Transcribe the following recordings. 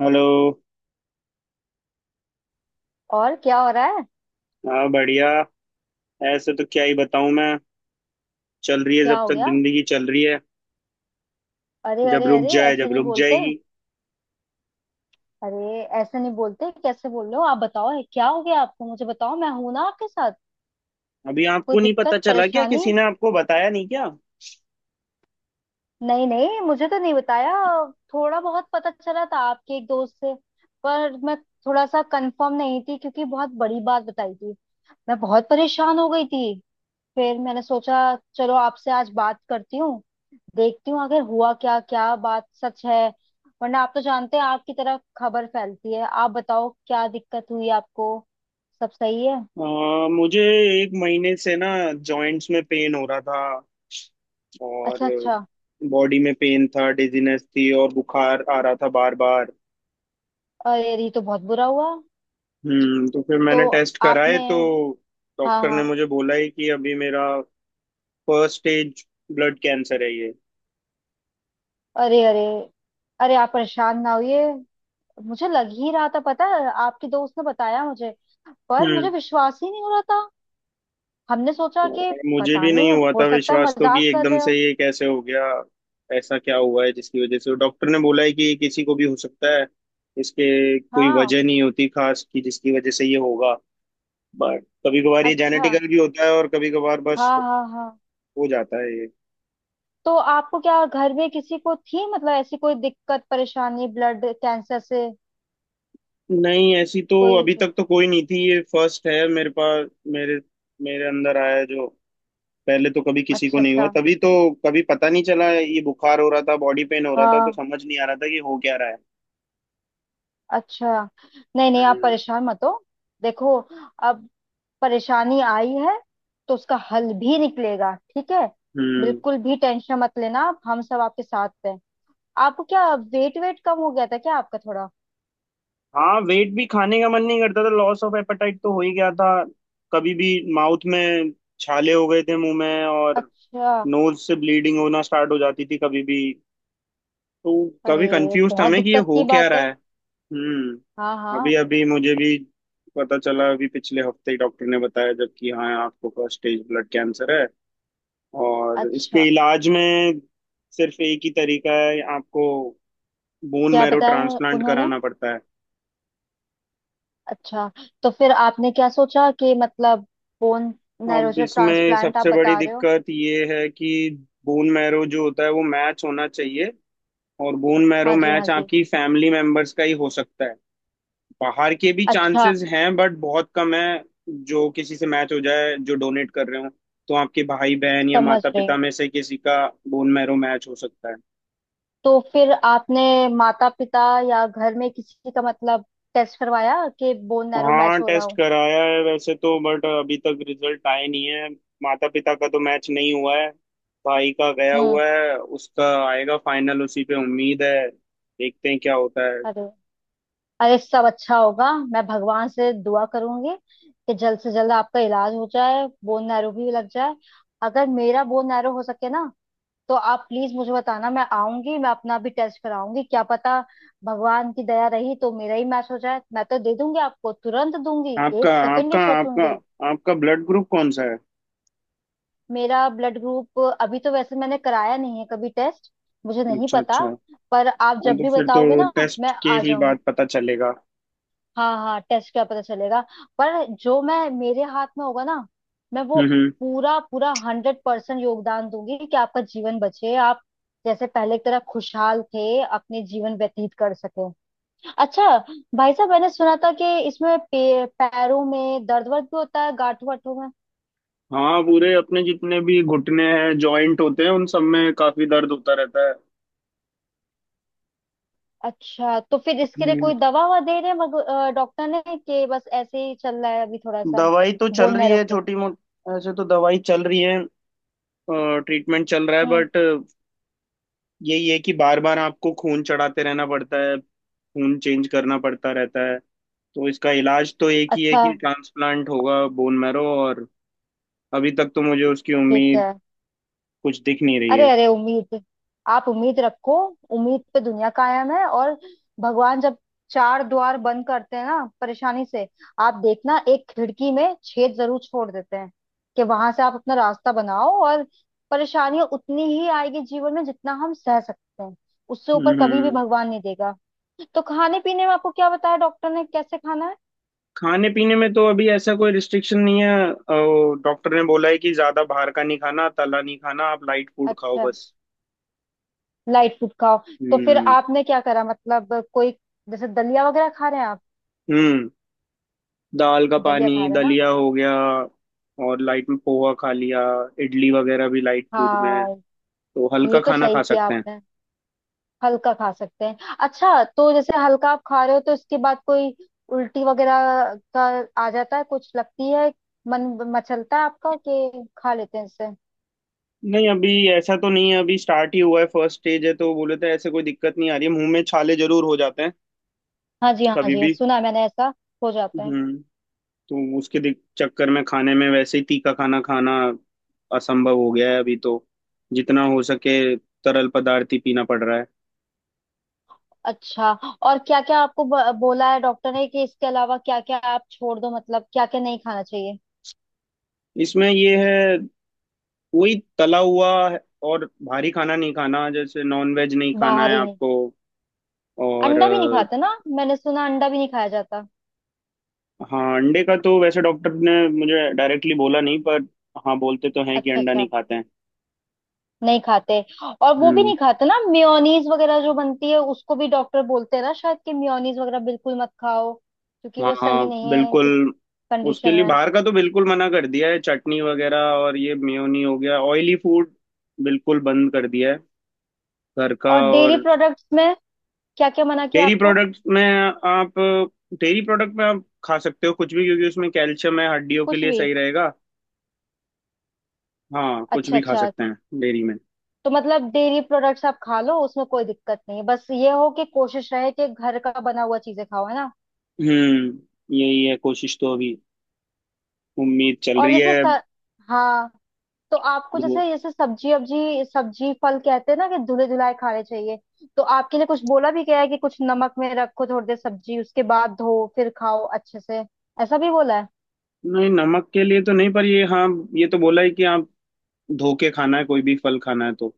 Hello. और क्या हो रहा है? हाँ, बढ़िया। ऐसे तो क्या ही बताऊं मैं। चल रही है, क्या जब हो तक गया? जिंदगी चल रही है। अरे जब अरे रुक अरे, जाए, ऐसे जब नहीं रुक बोलते। जाएगी। अरे ऐसे नहीं बोलते, कैसे बोल रहे हो आप? बताओ है, क्या हो गया आपको? मुझे बताओ, मैं हूं ना आपके साथ। अभी कोई आपको नहीं पता दिक्कत चला क्या? परेशानी? किसी ने आपको बताया नहीं क्या? नहीं नहीं, मुझे तो नहीं बताया। थोड़ा बहुत पता चला था आपके एक दोस्त से, पर मैं थोड़ा सा कंफर्म नहीं थी क्योंकि बहुत बड़ी बात बताई थी। मैं बहुत परेशान हो गई थी। फिर मैंने सोचा चलो आपसे आज बात करती हूँ, देखती हूँ आखिर हुआ क्या, क्या बात सच है। वरना आप तो जानते हैं आपकी तरफ खबर फैलती है। आप बताओ, क्या दिक्कत हुई आपको? सब सही है? मुझे एक महीने से ना जॉइंट्स में पेन हो रहा था। और अच्छा अच्छा। बॉडी में पेन था, डिजीनेस थी और बुखार आ रहा था बार बार। अरे अरे, ये तो बहुत बुरा हुआ। तो फिर तो मैंने टेस्ट कराए आपने… तो हाँ डॉक्टर ने हाँ। मुझे बोला है कि अभी मेरा फर्स्ट स्टेज ब्लड कैंसर है ये। अरे अरे अरे, आप परेशान ना होइए। मुझे लग ही रहा था, पता है आपकी दोस्त ने बताया मुझे, पर मुझे हम्म, विश्वास ही नहीं हो रहा था। हमने सोचा कि और मुझे पता भी नहीं नहीं, हुआ था हो सकता है विश्वास तो कि मजाक कर एकदम रहे से हो। ये कैसे हो गया। ऐसा क्या हुआ है जिसकी वजह से? डॉक्टर ने बोला है कि ये किसी को भी हो सकता है, इसके कोई हाँ, वजह नहीं होती खास कि जिसकी वजह से ये होगा। बट कभी कभार ये अच्छा। जेनेटिकल भी होता है, और कभी कभार बस हाँ हो हाँ हाँ। हो जाता है ये। तो आपको क्या घर में किसी को थी मतलब ऐसी कोई दिक्कत परेशानी ब्लड कैंसर से? नहीं, ऐसी तो कोई… अभी तक तो कोई नहीं थी, ये फर्स्ट है मेरे पास। मेरे मेरे अंदर आया है जो, पहले तो कभी किसी को अच्छा नहीं हुआ, अच्छा। तभी तो कभी पता नहीं चला। ये बुखार हो रहा था, बॉडी पेन हो रहा था, तो हाँ, समझ नहीं आ रहा था कि हो क्या रहा अच्छा। नहीं नहीं, आप है। परेशान मत हो। देखो, अब परेशानी आई है तो उसका हल भी निकलेगा, ठीक है? हम्म। बिल्कुल भी टेंशन मत लेना, आप… हम सब आपके साथ हैं। आपको क्या वेट वेट कम हो गया था क्या आपका थोड़ा? हाँ, वेट भी, खाने का मन नहीं करता था, लॉस ऑफ एपेटाइट तो हो ही गया था। कभी भी माउथ में छाले हो गए थे मुंह में, और अच्छा। नोज से ब्लीडिंग होना स्टार्ट हो जाती थी कभी भी। तो कभी अरे कंफ्यूज था बहुत मैं कि ये दिक्कत हो की क्या बात रहा है। है। हाँ अभी हाँ। अभी मुझे भी पता चला, अभी पिछले हफ्ते ही डॉक्टर ने बताया जबकि, हाँ, आपको फर्स्ट स्टेज ब्लड कैंसर है। और इसके अच्छा, इलाज में सिर्फ एक ही तरीका है, आपको बोन क्या मैरो बताया ट्रांसप्लांट उन्होंने? कराना पड़ता है। अच्छा, तो फिर आपने क्या सोचा कि मतलब बोन नैरो अब से इसमें ट्रांसप्लांट आप सबसे बड़ी बता रहे हो? दिक्कत ये है कि बोन मैरो जो होता है, वो मैच होना चाहिए, और बोन मैरो हाँ जी हाँ मैच जी। आपकी फैमिली मेंबर्स का ही हो सकता है। बाहर के भी अच्छा। चांसेस हैं, बट बहुत कम है जो किसी से मैच हो जाए जो डोनेट कर रहे हो। तो आपके भाई बहन या समझ माता रही पिता हूँ। में से किसी का बोन मैरो मैच हो सकता है। तो फिर आपने माता पिता या घर में किसी का मतलब टेस्ट करवाया कि बोन नैरो मैच हाँ, हो रहा टेस्ट हो? कराया है वैसे तो, बट अभी तक रिजल्ट आए नहीं है। माता पिता का तो मैच नहीं हुआ है, भाई का गया हम्म। हुआ है, उसका आएगा फाइनल, उसी पे उम्मीद है, देखते हैं क्या होता है। अरे अरे, सब अच्छा होगा, मैं भगवान से दुआ करूंगी कि जल्द से जल्द आपका इलाज हो जाए, बोन नैरो भी लग जाए। अगर मेरा बोन नैरो हो सके ना, तो आप प्लीज मुझे बताना, मैं आऊंगी, मैं अपना भी टेस्ट कराऊंगी। क्या पता भगवान की दया रही तो मेरा ही मैच हो जाए, मैं तो दे दूंगी आपको, तुरंत दूंगी, आपका एक सेकंड नहीं आपका आपका सोचूंगी। आपका ब्लड ग्रुप कौन सा है? मेरा ब्लड ग्रुप अभी तो वैसे मैंने कराया नहीं है कभी टेस्ट, मुझे नहीं अच्छा, पता, अच्छा। पर आप हाँ, जब तो भी फिर तो बताओगे ना मैं टेस्ट के आ ही जाऊंगी। बाद पता चलेगा। हाँ हाँ, टेस्ट क्या पता चलेगा, पर जो मैं… मेरे हाथ में होगा ना, मैं वो हम्म। हम्म। पूरा पूरा 100% योगदान दूंगी कि आपका जीवन बचे, आप जैसे पहले की तरह खुशहाल थे अपने जीवन व्यतीत कर सके। अच्छा, भाई साहब मैंने सुना था कि इसमें पैरों में दर्द वर्द भी होता है, गांठों वाठों में। हाँ, पूरे अपने जितने भी घुटने हैं, जॉइंट होते हैं, उन सब में काफी दर्द होता रहता है। अच्छा, तो फिर इसके लिए हम्म। कोई दवा वा दे रहे हैं डॉक्टर ने, कि बस ऐसे ही चल रहा है अभी थोड़ा सा? दवाई तो चल बोन रही नैरो है, के… छोटी मोटी ऐसे तो दवाई चल रही है, ट्रीटमेंट चल रहा है। हम्म। बट यही है कि बार बार आपको खून चढ़ाते रहना पड़ता है, खून चेंज करना पड़ता रहता है। तो इसका इलाज तो एक ही है अच्छा। कि ट्रांसप्लांट होगा बोन मैरो, और अभी तक तो मुझे उसकी ठीक उम्मीद है। कुछ दिख नहीं रही अरे है। अरे, उम्मीद… आप उम्मीद रखो। उम्मीद पे दुनिया कायम है। और भगवान जब चार द्वार बंद करते हैं ना परेशानी से, आप देखना एक खिड़की में छेद जरूर छोड़ देते हैं कि वहां से आप अपना रास्ता बनाओ। और परेशानियां उतनी ही आएगी जीवन में जितना हम सह सकते हैं, उससे ऊपर कभी भी हम्म। भगवान नहीं देगा। तो खाने पीने में आपको क्या बताया डॉक्टर ने, कैसे खाना है? खाने पीने में तो अभी ऐसा कोई रिस्ट्रिक्शन नहीं है। डॉक्टर ने बोला है कि ज्यादा बाहर का नहीं खाना, तला नहीं खाना, आप लाइट फूड खाओ अच्छा, बस। लाइट फूड खाओ। तो फिर हम्म। आपने क्या करा मतलब कोई, जैसे दलिया वगैरह खा रहे हैं आप? हम्म। दाल का दलिया खा पानी, रहे हैं ना। दलिया हो गया, और लाइट में पोहा खा लिया, इडली वगैरह भी लाइट फूड में है, हाँ, तो हल्का ये तो खाना सही खा किया सकते हैं। आपने। हल्का खा सकते हैं। अच्छा, तो जैसे हल्का आप खा रहे हो तो इसके बाद कोई उल्टी वगैरह का आ जाता है, कुछ लगती है, मन मचलता है आपका कि खा लेते हैं इससे? नहीं, अभी ऐसा तो नहीं है, अभी स्टार्ट ही हुआ है, फर्स्ट स्टेज है, तो बोले थे ऐसे कोई दिक्कत नहीं आ रही है। मुंह में छाले जरूर हो जाते हैं हाँ जी हाँ कभी जी, भी। सुना है मैंने ऐसा हो जाता है। हम्म तो उसके चक्कर में खाने में वैसे ही तीखा खाना, खाना असंभव हो गया है अभी तो। जितना हो सके तरल पदार्थ ही पीना पड़ रहा है। अच्छा, और क्या क्या आपको बोला है डॉक्टर ने कि इसके अलावा क्या क्या आप छोड़ दो, मतलब क्या क्या नहीं खाना चाहिए? इसमें ये है, कोई तला हुआ और भारी खाना नहीं खाना, जैसे नॉन वेज नहीं खाना बाहर है ही नहीं, आपको। और अंडा भी नहीं खाते ना? मैंने सुना अंडा भी नहीं खाया जाता। हाँ, अंडे का तो वैसे डॉक्टर ने मुझे डायरेक्टली बोला नहीं, पर हाँ, बोलते तो हैं कि अच्छा अंडा नहीं अच्छा, खाते हैं। नहीं खाते। और वो भी हम्म। नहीं खाते ना, मेयोनीज वगैरह जो बनती है, उसको भी डॉक्टर बोलते हैं ना शायद कि मेयोनीज वगैरह बिल्कुल मत खाओ क्योंकि हाँ, वो सही हाँ, नहीं है बिल्कुल। इस उसके कंडीशन लिए में। बाहर का तो बिल्कुल मना कर दिया है, चटनी वगैरह, और ये मेयोनी हो गया, ऑयली फूड, बिल्कुल बंद कर दिया है, घर का। और डेयरी और प्रोडक्ट्स में क्या क्या मना किया डेयरी आपको? प्रोडक्ट में आप डेयरी प्रोडक्ट में आप खा सकते हो कुछ भी, क्योंकि उसमें कैल्शियम है, हड्डियों के कुछ लिए भी? सही रहेगा। हाँ, कुछ अच्छा भी खा अच्छा, सकते हैं डेयरी में। तो मतलब डेयरी प्रोडक्ट्स आप खा लो, उसमें कोई दिक्कत नहीं है, बस ये हो कि कोशिश रहे कि घर का बना हुआ चीजें खाओ, है ना? हम्म, यही है, कोशिश तो अभी उम्मीद चल और रही है। हाँ, तो आपको धो- जैसे जैसे सब्जी अब्जी, सब्जी फल कहते हैं ना कि धुले धुलाए खाने चाहिए, तो आपके लिए कुछ बोला भी गया है कि कुछ नमक में रखो थोड़ी देर सब्जी, उसके बाद धो फिर खाओ अच्छे से, ऐसा भी बोला है? नहीं, नमक के लिए तो नहीं, पर ये, हाँ, ये तो बोला है कि आप धो के खाना है, कोई भी फल खाना है तो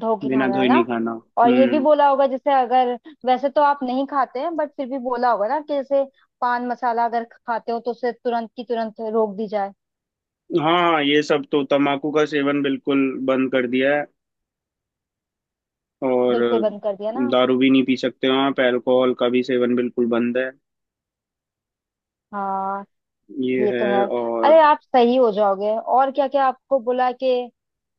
धो के बिना खाना है धोए नहीं ना। खाना। और ये भी हम्म। बोला होगा जैसे अगर, वैसे तो आप नहीं खाते हैं बट फिर भी बोला होगा ना कि जैसे पान मसाला अगर खाते हो तो उसे तुरंत की तुरंत रोक दी जाए। हाँ, हाँ, ये सब तो, तम्बाकू का सेवन बिल्कुल बंद कर दिया है। और बिल्कुल बंद कर दिया ना। दारू भी नहीं पी सकते हो आप, अल्कोहल का भी सेवन बिल्कुल बंद है। हाँ, ये ये तो है। है। अरे और आप सही हो जाओगे। और क्या क्या आपको बोला कि…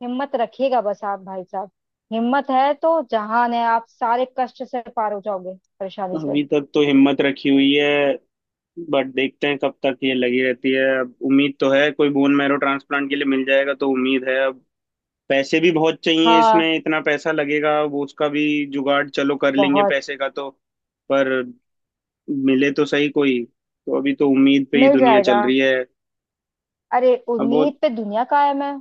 हिम्मत रखिएगा बस आप भाई साहब, हिम्मत है तो जहान है, आप सारे कष्ट से पार हो जाओगे, परेशानी से। अभी तक तो हिम्मत रखी हुई है, बट देखते हैं कब तक ये लगी रहती है। अब उम्मीद तो है कोई बोन मैरो ट्रांसप्लांट के लिए मिल जाएगा, तो उम्मीद है अब। पैसे भी बहुत चाहिए हाँ, इसमें, इतना पैसा लगेगा, वो उसका भी जुगाड़ चलो कर लेंगे बहुत… पैसे का तो, पर मिले तो सही कोई। तो अभी तो उम्मीद पे ही मिल दुनिया चल जाएगा। रही है। अरे अब वो, उम्मीद पे दुनिया कायम है।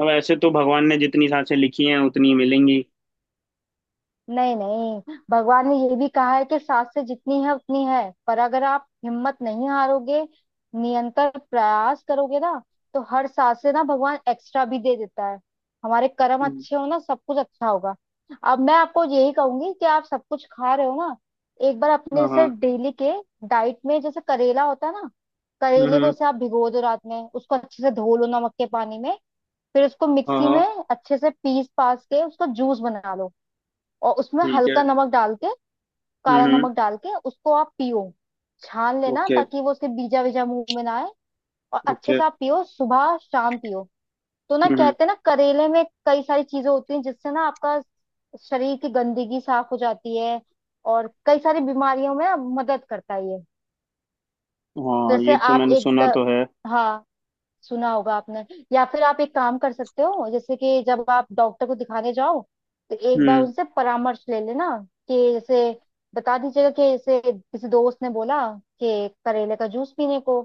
अब ऐसे तो भगवान ने जितनी सांसें लिखी हैं उतनी ही मिलेंगी। नहीं नहीं, भगवान ने ये भी कहा है कि सात से जितनी है उतनी है, पर अगर आप हिम्मत नहीं हारोगे, निरंतर प्रयास करोगे ना, तो हर सात से ना भगवान एक्स्ट्रा भी दे देता है। हमारे कर्म हम्म। अच्छे हो ना, सब कुछ अच्छा होगा। अब मैं आपको यही कहूंगी कि आप सब कुछ खा रहे हो ना, एक बार अपने हाँ, हाँ। से डेली के डाइट में जैसे करेला होता है ना, हम्म। करेले को हम्म। जैसे आप भिगो दो रात में, उसको अच्छे से धो लो नमक के पानी में, फिर उसको हाँ, मिक्सी में हाँ। अच्छे से पीस पास के उसका जूस बना लो और उसमें ठीक है। हल्का नमक डाल के, हम्म। काला हम्म। नमक डाल के उसको आप पियो। छान लेना ओके। ताकि वो उसके बीजा वीजा मुंह में ना आए, और अच्छे ओके। से आप पियो, सुबह शाम पियो। तो ना हम्म। हम्म। कहते हैं ना करेले में कई सारी चीजें होती हैं जिससे ना आपका शरीर की गंदगी साफ हो जाती है, और कई सारी बीमारियों में ना मदद करता है ये। हाँ, जैसे ये तो आप मैंने सुना तो है। हाँ, सुना होगा आपने। या फिर आप एक काम कर सकते हो, जैसे कि जब आप डॉक्टर को दिखाने जाओ तो एक बार हम्म। उनसे परामर्श ले लेना कि जैसे बता दीजिएगा कि जैसे किसी दोस्त ने बोला कि करेले का जूस पीने को,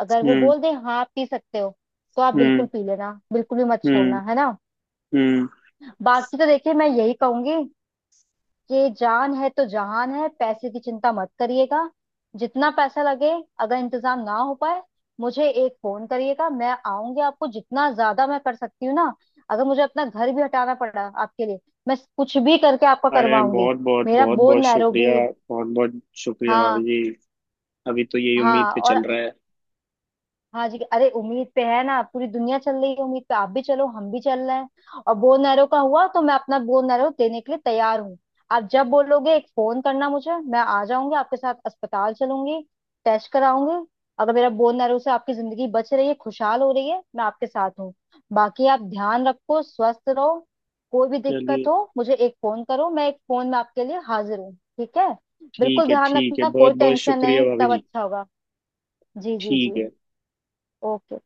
अगर वो हम्म। बोल दे हाँ आप पी सकते हो तो आप बिल्कुल हम्म। पी लेना, बिल्कुल भी मत छोड़ना, हम्म। है ना? हम्म। बाकी तो देखिए मैं यही कहूंगी, ये जान है तो जहान है, पैसे की चिंता मत करिएगा। जितना पैसा लगे, अगर इंतजाम ना हो पाए, मुझे एक फोन करिएगा, मैं आऊंगी आपको, जितना ज्यादा मैं कर सकती हूँ ना, अगर मुझे अपना घर भी हटाना पड़ा आपके लिए, मैं कुछ भी करके आपका अरे, करवाऊंगी। बहुत बहुत मेरा बहुत बोझ बहुत नैरो शुक्रिया। भी… बहुत बहुत शुक्रिया, भाभी हाँ जी। अभी तो यही उम्मीद हाँ। पे और चल रहा है। हाँ जी, अरे उम्मीद पे है ना पूरी दुनिया चल रही है, उम्मीद पे आप भी चलो, हम भी चल रहे हैं। और बोन नैरो का हुआ तो मैं अपना बोन नैरो देने के लिए तैयार हूँ। आप जब बोलोगे एक फोन करना मुझे, मैं आ जाऊंगी, आपके साथ अस्पताल चलूंगी, टेस्ट कराऊंगी। अगर मेरा बोन नैरो से आपकी जिंदगी बच रही है, खुशहाल हो रही है, मैं आपके साथ हूँ। बाकी आप ध्यान रखो, स्वस्थ रहो, कोई भी दिक्कत चलिए, हो मुझे एक फोन करो, मैं एक फोन में आपके लिए हाजिर हूँ, ठीक है? बिल्कुल ठीक है, ध्यान ठीक है, रखना, बहुत कोई बहुत टेंशन शुक्रिया, नहीं, भाभी सब जी। अच्छा होगा। जी जी ठीक जी। है। ओके।